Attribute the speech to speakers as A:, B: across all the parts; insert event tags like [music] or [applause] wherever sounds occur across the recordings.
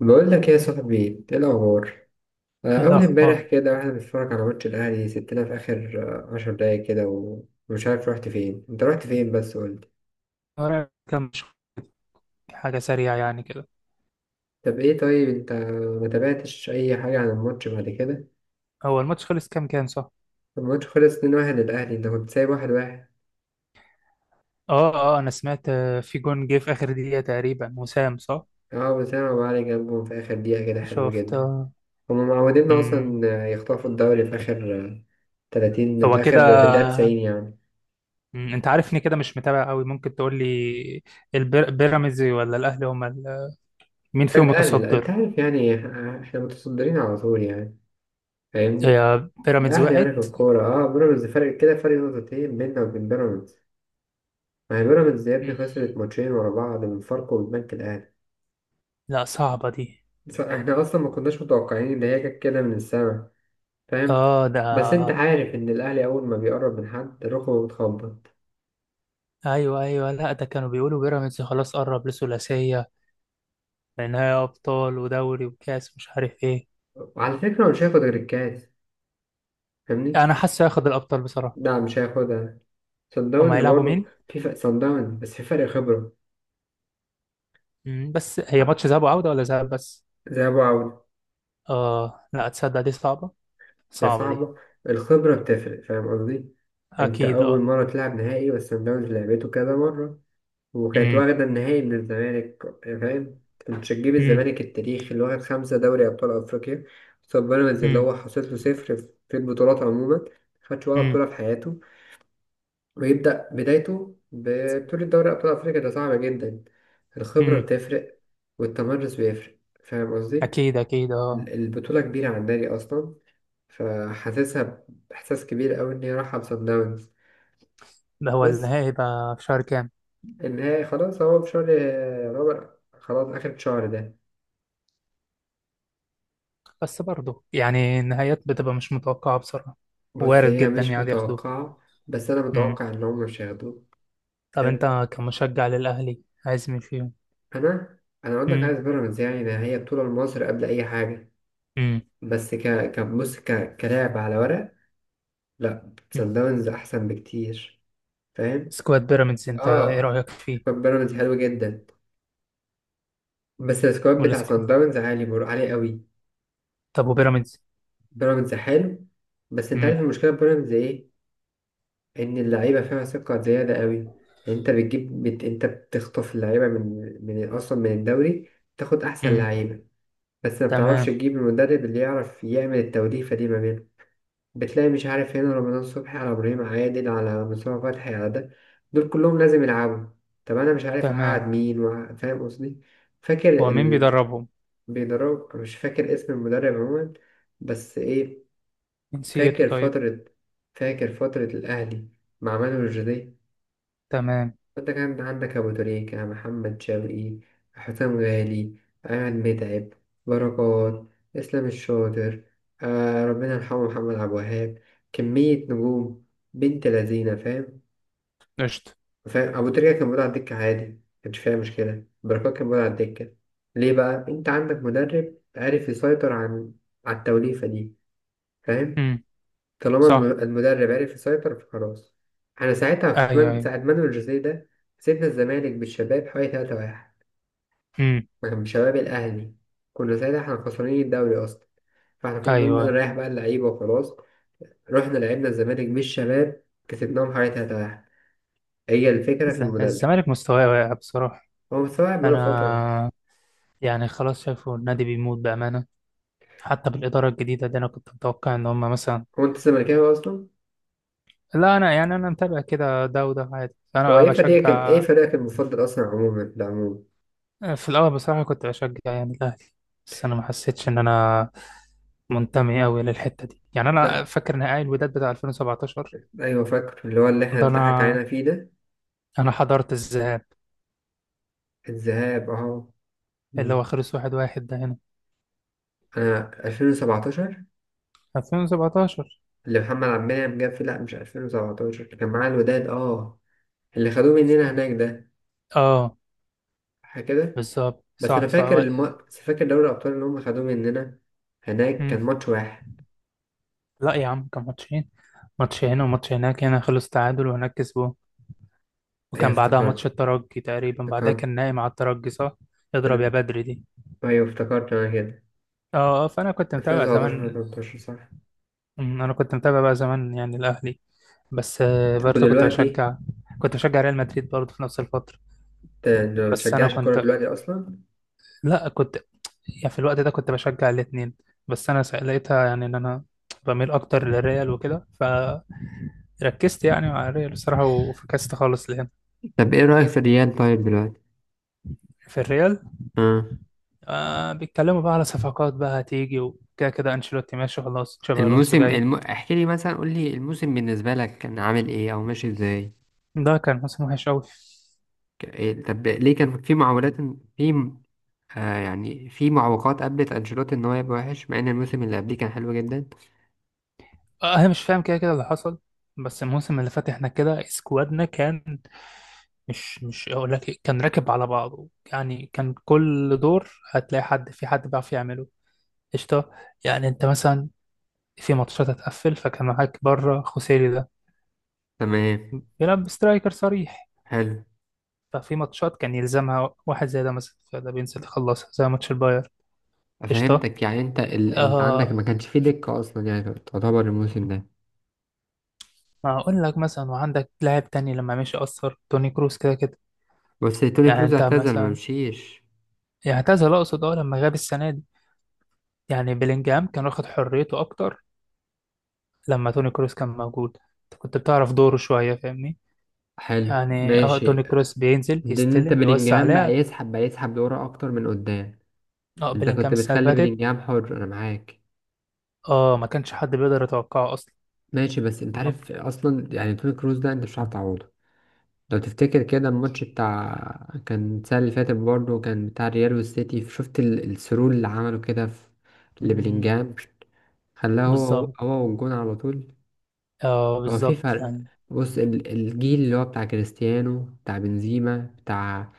A: بقول لك يا صاحبي، ايه الاخبار؟
B: ايه
A: اول امبارح
B: الاخبار؟
A: كده واحنا بنتفرج على ماتش الاهلي سبتنا في اخر 10 دقايق كده ومش عارف رحت فين، انت رحت فين بس؟ قلت
B: ورا كام حاجه سريعه يعني كده.
A: طب ايه، طيب انت ما تابعتش اي حاجه عن الماتش بعد كده؟
B: هو الماتش خلص كام كام، صح؟
A: الماتش خلص 2-1 للاهلي، انت كنت سايب واحد واحد.
B: اه اه، انا سمعت، في جون جه في اخر دقيقه تقريبا وسام، صح؟
A: اه بس انا معلي جنبهم في اخر دقيقه كده، حلو
B: شفت،
A: جدا.
B: آه.
A: هما معوديننا
B: امم.
A: اصلا يخطفوا الدوري في اخر 30 في
B: هو كده.
A: اخر، في الدقيقه 90 يعني.
B: انت عارفني كده، مش متابع قوي. ممكن تقول لي، بيراميدز ولا الاهلي هم ال... مين فيهم
A: الاهلي، لا انت
B: متصدر؟
A: عارف يعني احنا متصدرين على طول يعني، فاهمني.
B: هي بيراميدز
A: الأهلي يعني في
B: وقعت؟
A: الكورة، اه بيراميدز فرق كده، فرق نقطتين بيننا وبين بيراميدز. ما هي بيراميدز يا ابني
B: مم،
A: خسرت ماتشين ورا بعض من فاركو والبنك الأهلي.
B: لا، صعبه دي.
A: احنا أصلا ما كناش متوقعين إن هي جت كده من السما، فاهم.
B: اه ده.
A: بس أنت عارف إن الأهلي أول ما بيقرب من حد ركبه بتخبط.
B: ايوه ايوه، لا ده كانوا بيقولوا بيراميدز خلاص قرب لثلاثيه، نهائي ابطال ودوري وكاس مش عارف ايه.
A: وعلى فكرة هو مش هياخد غير الكاس، فاهمني؟
B: انا حاسه هياخد الابطال بصراحه.
A: لا مش هياخدها. صن
B: هم
A: داونز
B: هيلعبوا
A: برضه
B: مين؟
A: في فرق، صن داونز بس في فرق خبرة.
B: بس هي ماتش ذهاب وعوده ولا ذهاب بس؟
A: زي أبو عوف.
B: اه لا، تصدق دي صعبه.
A: هي
B: صعبه دي.
A: صعبة. الخبرة بتفرق، فاهم قصدي. انت
B: اكيد
A: اول
B: اه.
A: مرة تلعب نهائي، بس سان داونز لعبته كذا مرة وكانت
B: امم.
A: واخدة النهائي من الزمالك، فاهم. كنت هتجيب
B: امم.
A: الزمالك التاريخي اللي واخد 5 دوري ابطال افريقيا قصاد بيراميدز اللي
B: امم.
A: هو حاصل له 0 في البطولات عموما. خدش ولا
B: امم.
A: بطولة في حياته، ويبدأ بدايته ببطولة دوري ابطال افريقيا؟ ده صعبة جدا. الخبرة
B: أمم.
A: بتفرق والتمرس بيفرق، فاهم قصدي.
B: اكيد اكيد اه.
A: البطولة كبيرة على النادي أصلا، فحاسسها بإحساس كبير قوي إن هي رايحة لصن داونز.
B: ده هو
A: بس
B: النهائي بقى في شهر كام؟
A: النهائي خلاص هو في شهر رابع، خلاص آخر الشهر ده.
B: بس برضه يعني النهايات بتبقى مش متوقعه بصراحه.
A: بص
B: وارد
A: هي
B: جدا
A: مش
B: يعني ياخدوه.
A: متوقعة، بس أنا
B: امم.
A: متوقع إن هم مش هياخدوه.
B: طب
A: حلو.
B: انت كمشجع للاهلي عايز مين فيهم؟
A: أنا أنا أقول لك عايز
B: امم.
A: بيراميدز، يعني ده هي بطولة لمصر قبل أي حاجة.
B: امم.
A: بس بص ك كلاعب على ورق، لا
B: أمم.
A: صن داونز أحسن بكتير، فاهم؟
B: سكواد بيراميدز انت ايه
A: آه.
B: رايك
A: سكواد
B: فيه؟
A: بيراميدز حلو جدا، بس السكواد بتاع
B: والسكواد؟
A: صن داونز عالي عالي قوي.
B: طب وبيراميدز؟
A: بيراميدز حلو، بس انت عارف
B: امم.
A: المشكله في بيراميدز ايه؟ ان اللعيبه فيها ثقه زياده قوي. انت بتجيب انت بتخطف اللعيبه من اصلا من الدوري، تاخد احسن
B: امم.
A: لعيبه. بس ما بتعرفش
B: تمام.
A: تجيب المدرب اللي يعرف يعمل التوليفه دي ما بينهم. بتلاقي مش عارف هنا رمضان صبحي على ابراهيم عادل على مصطفى فتحي على ده، دول كلهم لازم يلعبوا. طب انا مش عارف
B: تمام.
A: اقعد مين فاهم قصدي؟ فاكر
B: هو مين بيدربهم؟
A: بيدرب، مش فاكر اسم المدرب عموما، بس ايه.
B: جنسيته
A: فاكر
B: طيب؟
A: فترة فاكر فترة الأهلي مع مانويل الجدي.
B: تمام.
A: فأنت كان عندك أبو تريكة، محمد شوقي، حسام غالي، أحمد متعب، بركات، إسلام الشاطر، آه ربنا يرحمه، محمد عبد الوهاب، كمية نجوم. بنت لذينة فاهم.
B: قشطة.
A: فاهم، أبو تريكة كان موجود على الدكة عادي، مكانش فيها مشكلة، بركات كان موجود على الدكة. ليه؟ بقى أنت عندك مدرب عارف يسيطر على التوليفة دي، فاهم.
B: امم.
A: طالما
B: صح.
A: المدرب عرف يسيطر فخلاص. احنا ساعتها
B: ايوه ايوه.
A: ساعة مانويل جوزيه ده كسبنا الزمالك بالشباب حوالي 3-1
B: امم.
A: مع شباب الأهلي. كنا ساعتها احنا خسرانين الدوري أصلا، فاحنا كنا
B: ايوه.
A: نريح بقى اللعيبة وخلاص. رحنا لعبنا الزمالك بالشباب كسبناهم حوالي 3-1. هي الفكرة في المدرب.
B: الزمالك مستواه واقع بصراحة.
A: هو مستوعب بقاله فترة.
B: انا، يعني خلاص شايفه النادي بيموت بأمانة. حتى بالإدارة الجديدة دي انا كنت متوقع ان هم مثلا.
A: هو أنت زملكاوي أصلا؟
B: لا، انا يعني انا متابع كده، ده وده عادي،
A: هو
B: انا
A: إيه
B: بشجع.
A: فريقك المفضل أصلا عموما، ده عموما؟
B: في الاول بصراحة كنت بشجع يعني الاهلي. بس انا ما حسيتش ان انا منتمي قوي للحتة دي. يعني انا
A: لا
B: فاكر نهائي الوداد بتاع 2017.
A: أيوة، فاكر اللي هو اللي احنا
B: ده
A: بنضحك
B: انا،
A: علينا فيه ده.
B: انا حضرت الذهاب.
A: الذهاب أهو.
B: اللي هو خلص واحد واحد ده هنا.
A: أنا 2017
B: 2017.
A: اللي محمد عبد المنعم جاب فيه، لأ مش 2017، كان معاه الوداد. أه اللي خدوه مننا
B: كان-
A: هناك ده،
B: اه،
A: صح كده؟
B: بالظبط
A: بس
B: صح صح
A: فاكر دوري الأبطال اللي هم خدوه مننا، هناك
B: مم.
A: كان ماتش واحد.
B: لا يا عم، كان ماتشين. ماتش هنا وماتش هناك. هنا خلص تعادل وهناك كسبوه.
A: أيوة
B: وكان بعدها ماتش
A: افتكرت،
B: الترجي تقريبا، بعدها كان
A: افتكرت.
B: نايم على الترجي، صح. اضرب يا بدري دي.
A: أيوة افتكرت أنا كده.
B: اه اه، فانا كنت متابع
A: 2017
B: زمان.
A: 2018 صح.
B: انا كنت متابع بقى زمان يعني الاهلي. بس
A: طب
B: برضه كنت
A: ودلوقتي،
B: بشجع. كنت بشجع ريال مدريد برضه في نفس الفترة.
A: أنت ما
B: بس انا
A: بتشجعش الكورة
B: كنت
A: دلوقتي أصلا؟
B: لا كنت يعني في الوقت ده كنت بشجع الاتنين. بس انا لقيتها يعني ان انا بميل اكتر للريال وكده. فركزت يعني مع الريال بصراحه وفكست خالص لهنا.
A: طب إيه رأيك في الريال طيب دلوقتي؟
B: في الريال،
A: آه.
B: آه بيتكلموا بقى على صفقات بقى هتيجي وكده كده. انشيلوتي ماشي خلاص، تشابي الونسو جاي.
A: احكي لي مثلا، قول لي الموسم بالنسبة لك كان عامل إيه أو ماشي إزاي؟
B: ده كان موسم وحش قوي.
A: إيه، طب ليه كان في معولات، في يعني في معوقات قابلت أنشيلوتي إن هو يبقى وحش مع إن الموسم اللي قبليه كان حلو جدا؟
B: آه انا مش فاهم كده كده اللي حصل. بس الموسم اللي فات احنا كده اسكوادنا كان، مش اقول لك كان راكب على بعضه. يعني كان كل دور هتلاقي حد في حد بيعرف يعمله. قشطة. يعني أنت مثلا في ماتشات هتقفل، فكان معاك بره خوسيلي ده،
A: تمام.
B: بيلعب سترايكر صريح.
A: حلو.
B: ففي ماتشات كان يلزمها واحد زي ده مثلا، فده بينزل يخلصها زي ماتش الباير. قشطة.
A: فهمتك، يعني أنت أنت عندك
B: آه.
A: ما كانش فيه دكة أصلا يعني، تعتبر الموسم ده.
B: ما أقول لك مثلا وعندك لاعب تاني، لما مشي أثر توني كروس كده كده.
A: بس توني
B: يعني
A: كروز
B: أنت
A: اعتزل، ما
B: مثلا،
A: مشيش.
B: يعني اعتزل أقصد، أه لما غاب السنة دي، يعني بلينجهام كان واخد حريته أكتر. لما توني كروس كان موجود أنت كنت بتعرف دوره شوية، فاهمني؟
A: حلو
B: يعني اه
A: ماشي.
B: توني كروس بينزل
A: ده إن أنت
B: يستلم يوزع
A: بلينجهام بقى
B: لعب.
A: يسحب لورا أكتر من قدام.
B: اه
A: أنت
B: بلينجهام
A: كنت
B: السنة اللي
A: بتخلي
B: فاتت،
A: بلينجهام حر، أنا معاك.
B: اه ما كانش حد بيقدر يتوقعه أصلا.
A: ماشي، بس أنت
B: لما-
A: عارف أصلا يعني توني كروز ده أنت مش هتعوضه. لو تفتكر كده الماتش بتاع كان السنة اللي فاتت برضه كان بتاع الريال والسيتي، شفت السرور اللي عمله كده في
B: مم،
A: لبلينجهام؟ خلاه هو
B: بالظبط.
A: هو والجون على طول.
B: اه
A: هو في
B: بالظبط
A: فرق.
B: يعني.
A: بص الجيل اللي هو بتاع كريستيانو، بتاع بنزيما، بتاع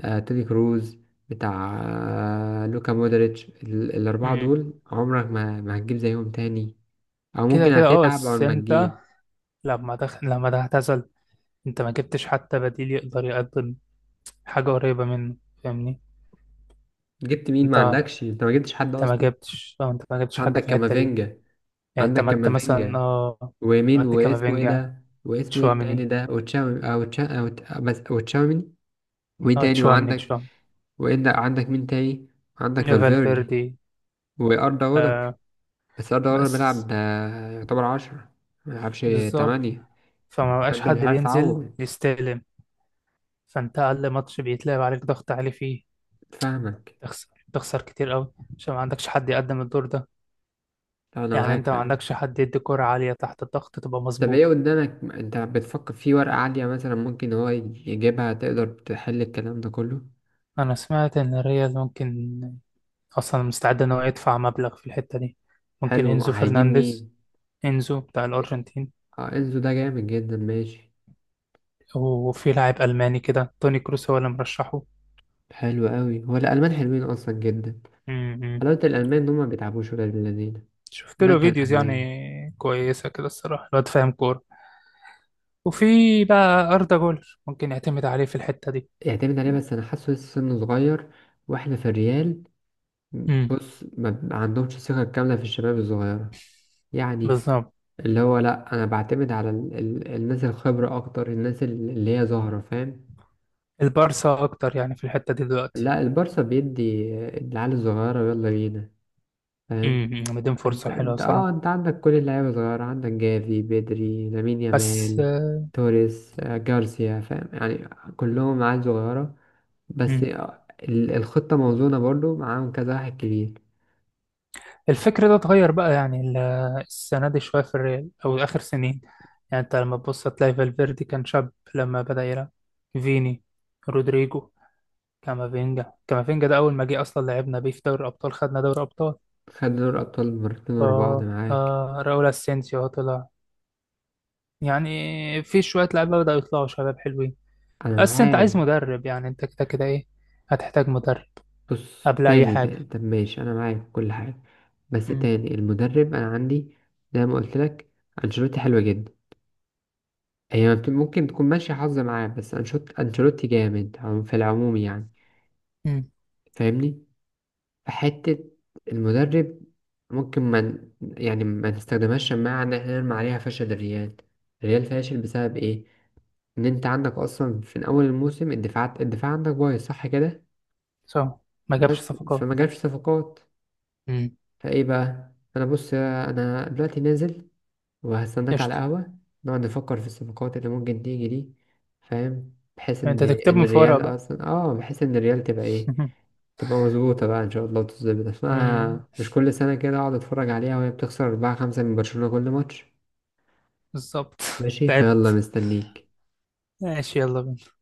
A: توني كروز، بتاع لوكا مودريتش، الأربعة
B: مم.
A: دول عمرك ما هتجيب زيهم تاني. أو
B: كده
A: ممكن
B: كده اه،
A: هتتعب أول
B: بس
A: ما
B: أنت
A: تجيب.
B: لما تعتزل أنت ما جبتش حتى بديل يقدر يقدم حاجة قريبة منه. فاهمني؟
A: جبت مين؟ ما
B: أنت
A: عندكش، أنت ما جبتش حد
B: أنت ما
A: أصلا.
B: جبتش، اه أنت ما جبتش حاجة
A: عندك
B: في الحتة دي.
A: كامافينجا.
B: يعني
A: عندك
B: اعتمدت مثلا،
A: كامافينجا
B: اه
A: ومين
B: اعتمدت
A: واسمه ايه
B: كامافينجا،
A: ده؟ واسمه ايه التاني
B: تشواميني.
A: ده؟ وتشاومي او تشا او ت- بس وتشاوميني. ومين
B: اه
A: تاني
B: تشواميني
A: وعندك؟
B: تشواميني.
A: وإن عندك مين تاني؟ عندك فالفيردي
B: فالفيردي.
A: وأردا جولر.
B: آه.
A: بس أردا جولر
B: بس.
A: بيلعب يعتبر 10، مبيلعبش
B: بالظبط.
A: 8.
B: فما بقاش
A: فأنت
B: حد
A: مش عارف
B: بينزل
A: تعوض.
B: يستلم. فانت اقل ماتش بيتلعب عليك ضغط عالي فيه
A: فاهمك.
B: تخسر. تخسر كتير قوي عشان ما عندكش حد يقدم الدور ده.
A: أنا
B: يعني
A: معاك
B: انت ما
A: فعلا.
B: عندكش حد يدي كرة عالية تحت الضغط تبقى
A: طب ايه
B: مظبوطة.
A: قدامك انت، بتفكر في ورقة عالية مثلا ممكن هو يجيبها تقدر تحل الكلام ده كله؟
B: انا سمعت ان الريال ممكن اصلا مستعد ان هو يدفع مبلغ في الحتة دي. ممكن
A: حلو،
B: انزو
A: هيجيب
B: فرنانديز،
A: مين؟
B: انزو بتاع الارجنتين.
A: اه انزو ده جامد جدا، ماشي.
B: وفي لاعب الماني كده توني كروس هو اللي مرشحه.
A: حلو قوي، هو الالمان حلوين اصلا جدا.
B: م-م.
A: حلاوه الالمان ان هم ما بيتعبوش ولا بالذين.
B: شفت
A: ما
B: له
A: كان
B: فيديوز
A: المان.
B: يعني كويسة كده الصراحة، الواد فاهم كورة. وفي بقى أردا جولر ممكن يعتمد عليه في الحتة دي.
A: يعتمد عليه، بس انا حاسه لسه سنه صغير، واحنا في الريال.
B: امم.
A: بص ما عندهمش ثقه كامله في الشباب الصغيره، يعني
B: بالظبط.
A: اللي هو لا انا بعتمد على ال الناس الخبره اكتر، الناس اللي هي ظاهره، فاهم.
B: البارسا اكتر يعني في الحته دي دلوقتي.
A: لا البارسا بيدي العيال الصغيره يلا بينا، فاهم.
B: امم. مدين
A: انت
B: فرصه حلوه
A: انت اه
B: صراحه.
A: انت عندك كل اللعيبة صغيرة، عندك جافي، بدري، لامين
B: بس
A: يامال، توريس، جارسيا، فاهم يعني. كلهم عيال صغيرة. بس
B: مم.
A: الخطة موزونة برضو معاهم كذا واحد كبير.
B: الفكر ده اتغير بقى يعني السنه دي شويه في الريال او اخر سنين. يعني انت لما تبص هتلاقي فالفيردي كان شاب لما بدا يلعب، فيني، رودريجو، كامافينجا. كامافينجا ده اول ما جه اصلا لعبنا بيه في دوري الابطال، خدنا دوري ابطال.
A: خد دوري أبطال مرتين
B: ف
A: ورا بعض معاك.
B: راؤول اسينسيو أهو طلع. يعني في شويه لعيبه بداوا يطلعوا شباب حلوين.
A: أنا
B: بس انت عايز
A: معاك.
B: مدرب، يعني انت كده كده ايه، هتحتاج مدرب
A: بص
B: قبل اي
A: تاني
B: حاجه.
A: ده، طب ماشي، أنا معاك في كل حاجة. بس
B: مم.
A: تاني المدرب، أنا عندي زي ما قلت لك، أنشيلوتي حلوة جدا. هي ممكن تكون ماشية حظ معاه، بس أنشيلوتي جامد في العموم يعني،
B: مم.
A: فاهمني. حتة المدرب، ممكن ما ن- يعني ما نستخدمهاش شماعة إن احنا نرمي عليها فشل الريال. الريال فاشل بسبب إيه؟ إن أنت عندك أصلا في أول الموسم الدفاعات، الدفاع عندك بايظ صح كده؟
B: صح. ما جابش
A: بس فما
B: صفقات.
A: جابش صفقات.
B: مم.
A: فإيه بقى؟ أنا بص، أنا دلوقتي نازل، وهستناك على
B: قشطة.
A: قهوة. نقعد نفكر في الصفقات اللي ممكن تيجي دي، فاهم، بحيث ان
B: انت
A: ان
B: تكتبهم في ورقة
A: الريال
B: بقى.
A: اصلا بحيث ان الريال تبقى ايه،
B: [laughs]
A: تبقى مظبوطة بقى ان شاء الله وتظبط
B: مم.
A: اسمها، مش كل سنة كده اقعد اتفرج عليها وهي بتخسر 4 5 من برشلونة كل ماتش.
B: بالظبط.
A: ماشي فيلا،
B: تعبت.
A: مستنيك.
B: ماشي يلا بينا.